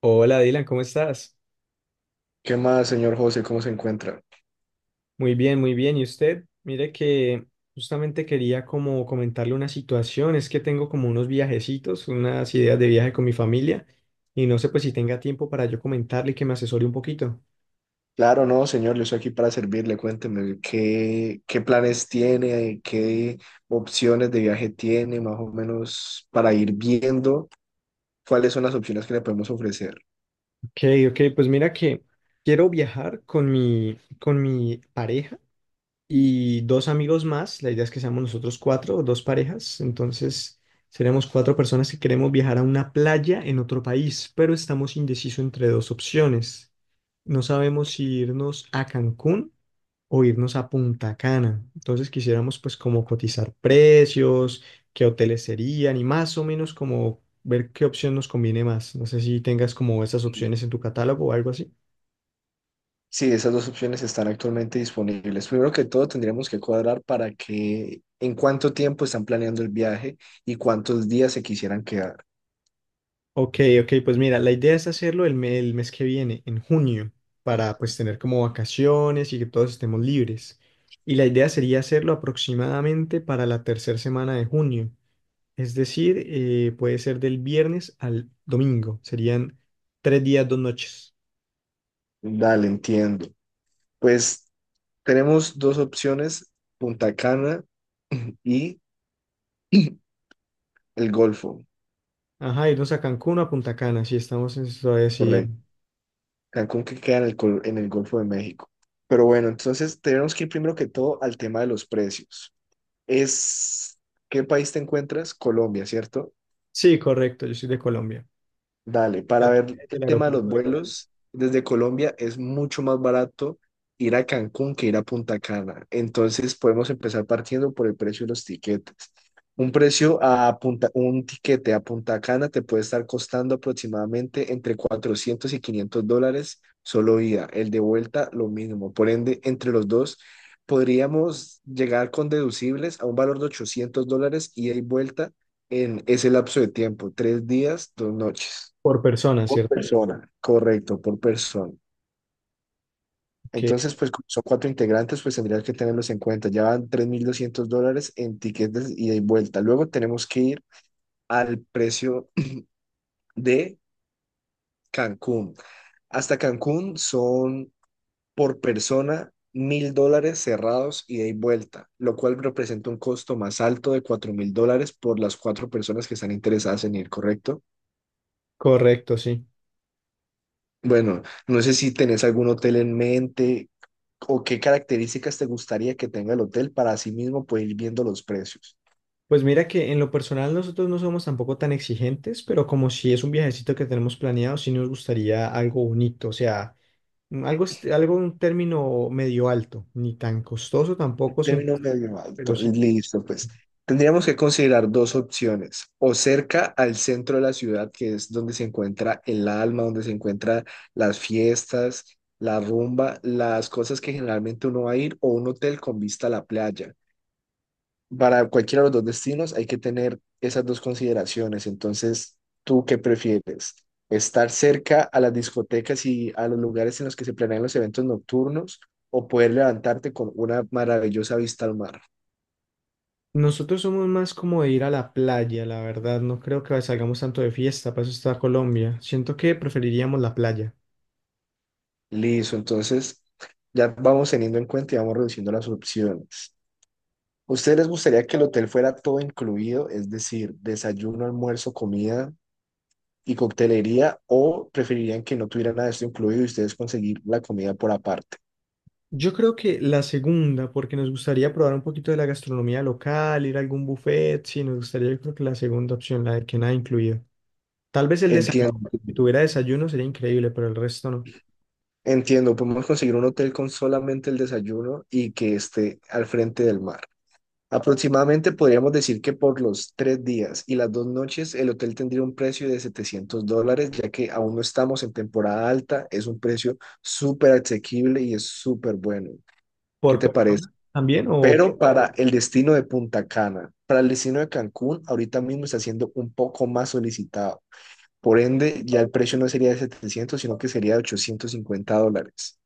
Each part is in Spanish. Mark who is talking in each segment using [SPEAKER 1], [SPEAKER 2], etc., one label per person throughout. [SPEAKER 1] Hola Dylan, ¿cómo estás?
[SPEAKER 2] ¿Qué más, señor José? ¿Cómo se encuentra?
[SPEAKER 1] Muy bien, muy bien. ¿Y usted? Mire que justamente quería como comentarle una situación. Es que tengo como unos viajecitos, unas ideas de viaje con mi familia y no sé pues si tenga tiempo para yo comentarle y que me asesore un poquito.
[SPEAKER 2] Claro, no, señor, yo estoy aquí para servirle. Cuénteme qué planes tiene, qué opciones de viaje tiene, más o menos para ir viendo cuáles son las opciones que le podemos ofrecer.
[SPEAKER 1] Ok, ok, pues mira que quiero viajar con mi pareja y dos amigos más. La idea es que seamos nosotros cuatro, o dos parejas. Entonces, seremos cuatro personas que queremos viajar a una playa en otro país, pero estamos indecisos entre dos opciones. No sabemos si irnos a Cancún o irnos a Punta Cana. Entonces, quisiéramos pues como cotizar precios, qué hoteles serían y más o menos como ver qué opción nos conviene más. No sé si tengas como esas opciones en tu catálogo o algo así.
[SPEAKER 2] Sí, esas dos opciones están actualmente disponibles. Primero que todo, tendríamos que cuadrar para que en cuánto tiempo están planeando el viaje y cuántos días se quisieran quedar.
[SPEAKER 1] Ok, ok, pues mira, la idea es hacerlo el mes que viene, en junio, para pues tener como vacaciones y que todos estemos libres. Y la idea sería hacerlo aproximadamente para la tercera semana de junio, es decir, puede ser del viernes al domingo, serían 3 días, 2 noches.
[SPEAKER 2] Dale, entiendo. Pues tenemos dos opciones, Punta Cana y el Golfo.
[SPEAKER 1] Ajá, irnos a Cancún o a Punta Cana, si estamos en, todavía así.
[SPEAKER 2] Correcto. Cancún que queda en el Golfo de México. Pero bueno, entonces tenemos que ir primero que todo al tema de los precios. Es, ¿Qué país te encuentras? Colombia, ¿cierto?
[SPEAKER 1] Sí, correcto, yo soy de Colombia,
[SPEAKER 2] Dale, para ver
[SPEAKER 1] del
[SPEAKER 2] el tema de los
[SPEAKER 1] aeropuerto de Cali,
[SPEAKER 2] vuelos, desde Colombia es mucho más barato ir a Cancún que ir a Punta Cana. Entonces podemos empezar partiendo por el precio de los tiquetes. Un tiquete a Punta Cana te puede estar costando aproximadamente entre $400 y $500 solo ida. El de vuelta lo mismo. Por ende, entre los dos podríamos llegar con deducibles a un valor de $800 ida y vuelta en ese lapso de tiempo, 3 días, 2 noches.
[SPEAKER 1] por persona,
[SPEAKER 2] Por
[SPEAKER 1] ¿cierto?
[SPEAKER 2] persona, correcto, por persona.
[SPEAKER 1] Ok,
[SPEAKER 2] Entonces, pues como son cuatro integrantes, pues tendrías que tenerlos en cuenta. Ya van $3,200 en tiquetes ida y vuelta. Luego tenemos que ir al precio de Cancún. Hasta Cancún son por persona $1,000 cerrados ida y vuelta, lo cual representa un costo más alto de $4,000 por las cuatro personas que están interesadas en ir, ¿correcto?
[SPEAKER 1] correcto, sí.
[SPEAKER 2] Bueno, no sé si tenés algún hotel en mente o qué características te gustaría que tenga el hotel para así mismo pues ir viendo los precios.
[SPEAKER 1] Pues mira que en lo personal nosotros no somos tampoco tan exigentes, pero como si es un viajecito que tenemos planeado, sí nos gustaría algo bonito, o sea, algo un término medio alto, ni tan costoso tampoco, sin,
[SPEAKER 2] Término medio
[SPEAKER 1] pero
[SPEAKER 2] alto,
[SPEAKER 1] sí.
[SPEAKER 2] listo, pues tendríamos que considerar dos opciones, o cerca al centro de la ciudad, que es donde se encuentra el alma, donde se encuentran las fiestas, la rumba, las cosas que generalmente uno va a ir, o un hotel con vista a la playa. Para cualquiera de los dos destinos hay que tener esas dos consideraciones. Entonces, ¿tú qué prefieres? ¿Estar cerca a las discotecas y a los lugares en los que se planean los eventos nocturnos o poder levantarte con una maravillosa vista al mar?
[SPEAKER 1] Nosotros somos más como de ir a la playa, la verdad, no creo que salgamos tanto de fiesta, para eso está Colombia. Siento que preferiríamos la playa.
[SPEAKER 2] Listo, entonces ya vamos teniendo en cuenta y vamos reduciendo las opciones. ¿A ¿Ustedes les gustaría que el hotel fuera todo incluido, es decir, desayuno, almuerzo, comida y coctelería, o preferirían que no tuviera nada de esto incluido y ustedes conseguir la comida por aparte?
[SPEAKER 1] Yo creo que la segunda, porque nos gustaría probar un poquito de la gastronomía local, ir a algún buffet, sí, nos gustaría, yo creo que la segunda opción, la de que nada incluido. Tal vez el desayuno,
[SPEAKER 2] Entiendo
[SPEAKER 1] si tuviera desayuno sería increíble, pero el resto no.
[SPEAKER 2] Entiendo, podemos conseguir un hotel con solamente el desayuno y que esté al frente del mar. Aproximadamente podríamos decir que por los 3 días y las 2 noches el hotel tendría un precio de $700, ya que aún no estamos en temporada alta, es un precio súper asequible y es súper bueno. ¿Qué
[SPEAKER 1] ¿Por
[SPEAKER 2] te parece?
[SPEAKER 1] persona también o...?
[SPEAKER 2] Pero para el destino de Punta Cana, para el destino de Cancún, ahorita mismo está siendo un poco más solicitado. Por ende, ya el precio no sería de 700, sino que sería de $850.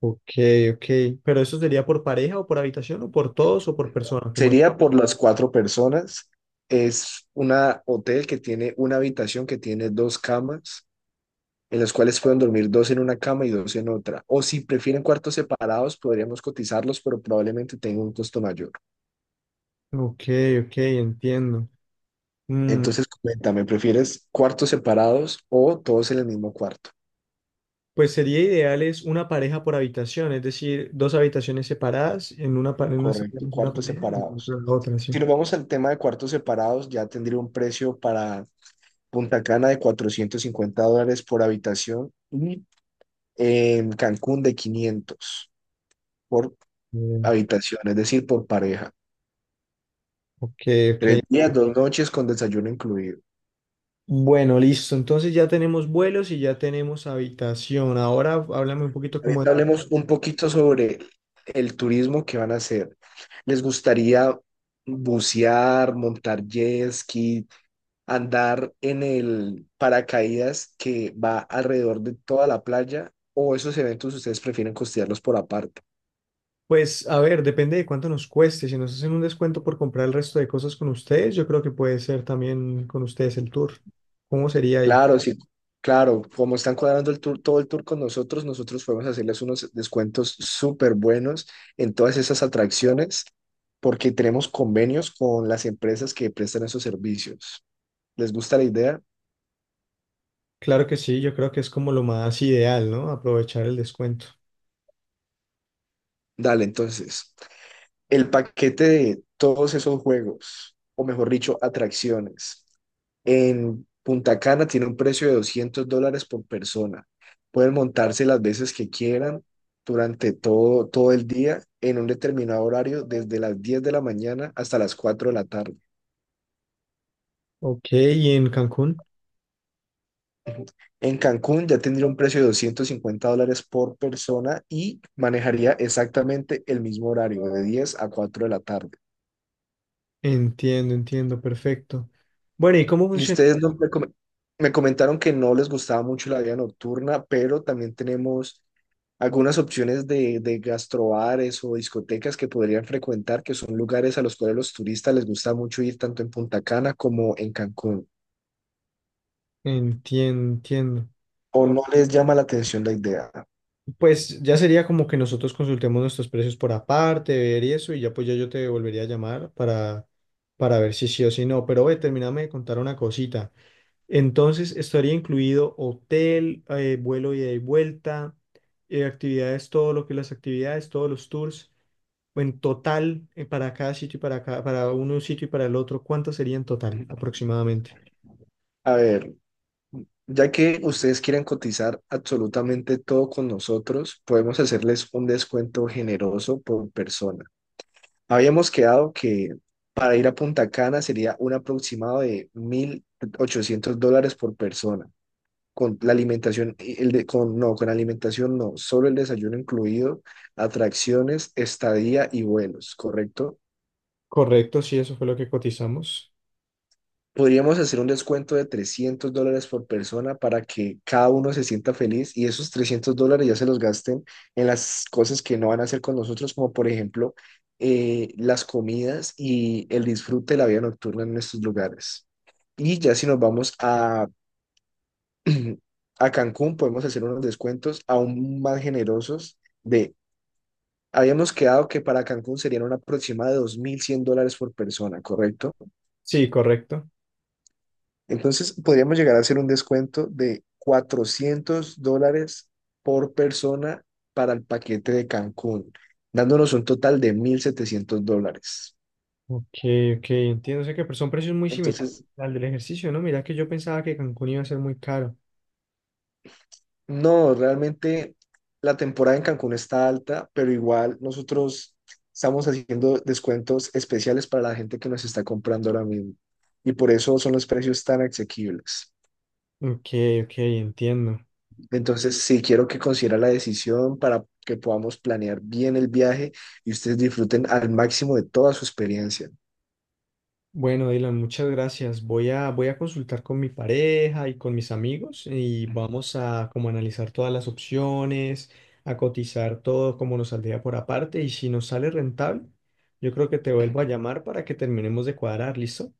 [SPEAKER 1] Ok, ok. ¿Pero eso sería por pareja o por habitación o por todos o por persona? ¿Cómo es?
[SPEAKER 2] Sería por las cuatro personas. Es un hotel que tiene una habitación que tiene dos camas, en las cuales pueden dormir dos en una cama y dos en otra. O si prefieren cuartos separados, podríamos cotizarlos, pero probablemente tenga un costo mayor.
[SPEAKER 1] Ok, ok, entiendo. Mm,
[SPEAKER 2] Entonces, coméntame, ¿prefieres cuartos separados o todos en el mismo cuarto?
[SPEAKER 1] pues sería ideal es una pareja por habitación, es decir, dos habitaciones separadas, en una
[SPEAKER 2] Correcto,
[SPEAKER 1] estaríamos una
[SPEAKER 2] cuartos
[SPEAKER 1] pareja y en otra
[SPEAKER 2] separados.
[SPEAKER 1] la otra, sí.
[SPEAKER 2] Si nos vamos al tema de cuartos separados, ya tendría un precio para Punta Cana de $450 por habitación y en Cancún de 500 por
[SPEAKER 1] Bien,
[SPEAKER 2] habitación, es decir, por pareja.
[SPEAKER 1] ok,
[SPEAKER 2] Tres
[SPEAKER 1] ok.
[SPEAKER 2] días, dos noches con desayuno incluido.
[SPEAKER 1] Bueno, listo. Entonces ya tenemos vuelos y ya tenemos habitación. Ahora háblame un poquito como...
[SPEAKER 2] Ahorita
[SPEAKER 1] de.
[SPEAKER 2] hablemos un poquito sobre el turismo que van a hacer. ¿Les gustaría bucear, montar jet ski, andar en el paracaídas que va alrededor de toda la playa? ¿O esos eventos ustedes prefieren costearlos por aparte?
[SPEAKER 1] Pues a ver, depende de cuánto nos cueste. Si nos hacen un descuento por comprar el resto de cosas con ustedes, yo creo que puede ser también con ustedes el tour. ¿Cómo sería ahí?
[SPEAKER 2] Claro, sí, claro, como están cuadrando el tour, todo el tour con nosotros, nosotros podemos hacerles unos descuentos súper buenos en todas esas atracciones porque tenemos convenios con las empresas que prestan esos servicios. ¿Les gusta la idea?
[SPEAKER 1] Claro que sí, yo creo que es como lo más ideal, ¿no? Aprovechar el descuento.
[SPEAKER 2] Dale, entonces. El paquete de todos esos juegos, o mejor dicho, atracciones, en Punta Cana tiene un precio de $200 por persona. Pueden montarse las veces que quieran durante todo, todo el día en un determinado horario, desde las 10 de la mañana hasta las 4 de la tarde.
[SPEAKER 1] Ok, ¿y en Cancún?
[SPEAKER 2] En Cancún ya tendría un precio de $250 por persona y manejaría exactamente el mismo horario, de 10 a 4 de la tarde.
[SPEAKER 1] Entiendo, entiendo, perfecto. Bueno, ¿y cómo
[SPEAKER 2] Y
[SPEAKER 1] funciona?
[SPEAKER 2] ustedes no me, come- me comentaron que no les gustaba mucho la vida nocturna, pero también tenemos algunas opciones de gastrobares o discotecas que podrían frecuentar, que son lugares a los cuales los turistas les gusta mucho ir tanto en Punta Cana como en Cancún.
[SPEAKER 1] Entiendo, entiendo.
[SPEAKER 2] ¿O no les llama la atención la idea?
[SPEAKER 1] Pues ya sería como que nosotros consultemos nuestros precios por aparte, ver y eso, y ya pues ya yo te volvería a llamar para ver si sí o si no. Pero oye, termíname de contar una cosita. Entonces, estaría incluido hotel, vuelo ida y vuelta, actividades, todo lo que las actividades, todos los tours, o en total, para cada sitio y para un sitio y para el otro, ¿cuánto sería en total aproximadamente?
[SPEAKER 2] A ver, ya que ustedes quieren cotizar absolutamente todo con nosotros, podemos hacerles un descuento generoso por persona. Habíamos quedado que para ir a Punta Cana sería un aproximado de $1,800 por persona, con la alimentación, y el de, con, no, con alimentación no, solo el desayuno incluido, atracciones, estadía y vuelos, ¿correcto?
[SPEAKER 1] Correcto, sí, eso fue lo que cotizamos.
[SPEAKER 2] Podríamos hacer un descuento de $300 por persona para que cada uno se sienta feliz y esos $300 ya se los gasten en las cosas que no van a hacer con nosotros, como por ejemplo las comidas y el disfrute de la vida nocturna en estos lugares. Y ya si nos vamos a, a Cancún, podemos hacer unos descuentos aún más generosos habíamos quedado que para Cancún serían un aproximado de $2,100 por persona, ¿correcto?
[SPEAKER 1] Sí, correcto.
[SPEAKER 2] Entonces, podríamos llegar a hacer un descuento de $400 por persona para el paquete de Cancún, dándonos un total de $1,700.
[SPEAKER 1] Ok, ok, entiendo. O sea que son precios muy similares
[SPEAKER 2] Entonces,
[SPEAKER 1] al del ejercicio, ¿no? Mira que yo pensaba que Cancún iba a ser muy caro.
[SPEAKER 2] no, realmente la temporada en Cancún está alta, pero igual nosotros estamos haciendo descuentos especiales para la gente que nos está comprando ahora mismo. Y por eso son los precios tan asequibles.
[SPEAKER 1] Ok, ok, entiendo.
[SPEAKER 2] Entonces, sí quiero que considera la decisión para que podamos planear bien el viaje y ustedes disfruten al máximo de toda su experiencia.
[SPEAKER 1] Bueno, Dylan, muchas gracias. Voy a consultar con mi pareja y con mis amigos y vamos a como analizar todas las opciones, a cotizar todo como nos saldría por aparte y si nos sale rentable, yo creo que te vuelvo a llamar para que terminemos de cuadrar, ¿listo?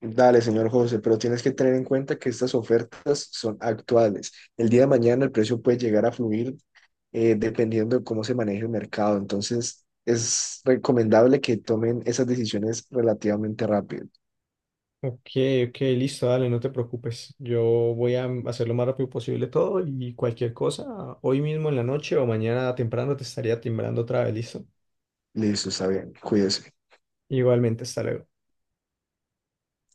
[SPEAKER 2] Dale, señor José, pero tienes que tener en cuenta que estas ofertas son actuales. El día de mañana el precio puede llegar a fluir dependiendo de cómo se maneje el mercado. Entonces, es recomendable que tomen esas decisiones relativamente rápido.
[SPEAKER 1] Ok, ok, listo, dale, no te preocupes. Yo voy a hacer lo más rápido posible todo y cualquier cosa, hoy mismo en la noche o mañana temprano te estaría timbrando otra vez, ¿listo?
[SPEAKER 2] Listo, está bien. Cuídese.
[SPEAKER 1] Igualmente, hasta luego.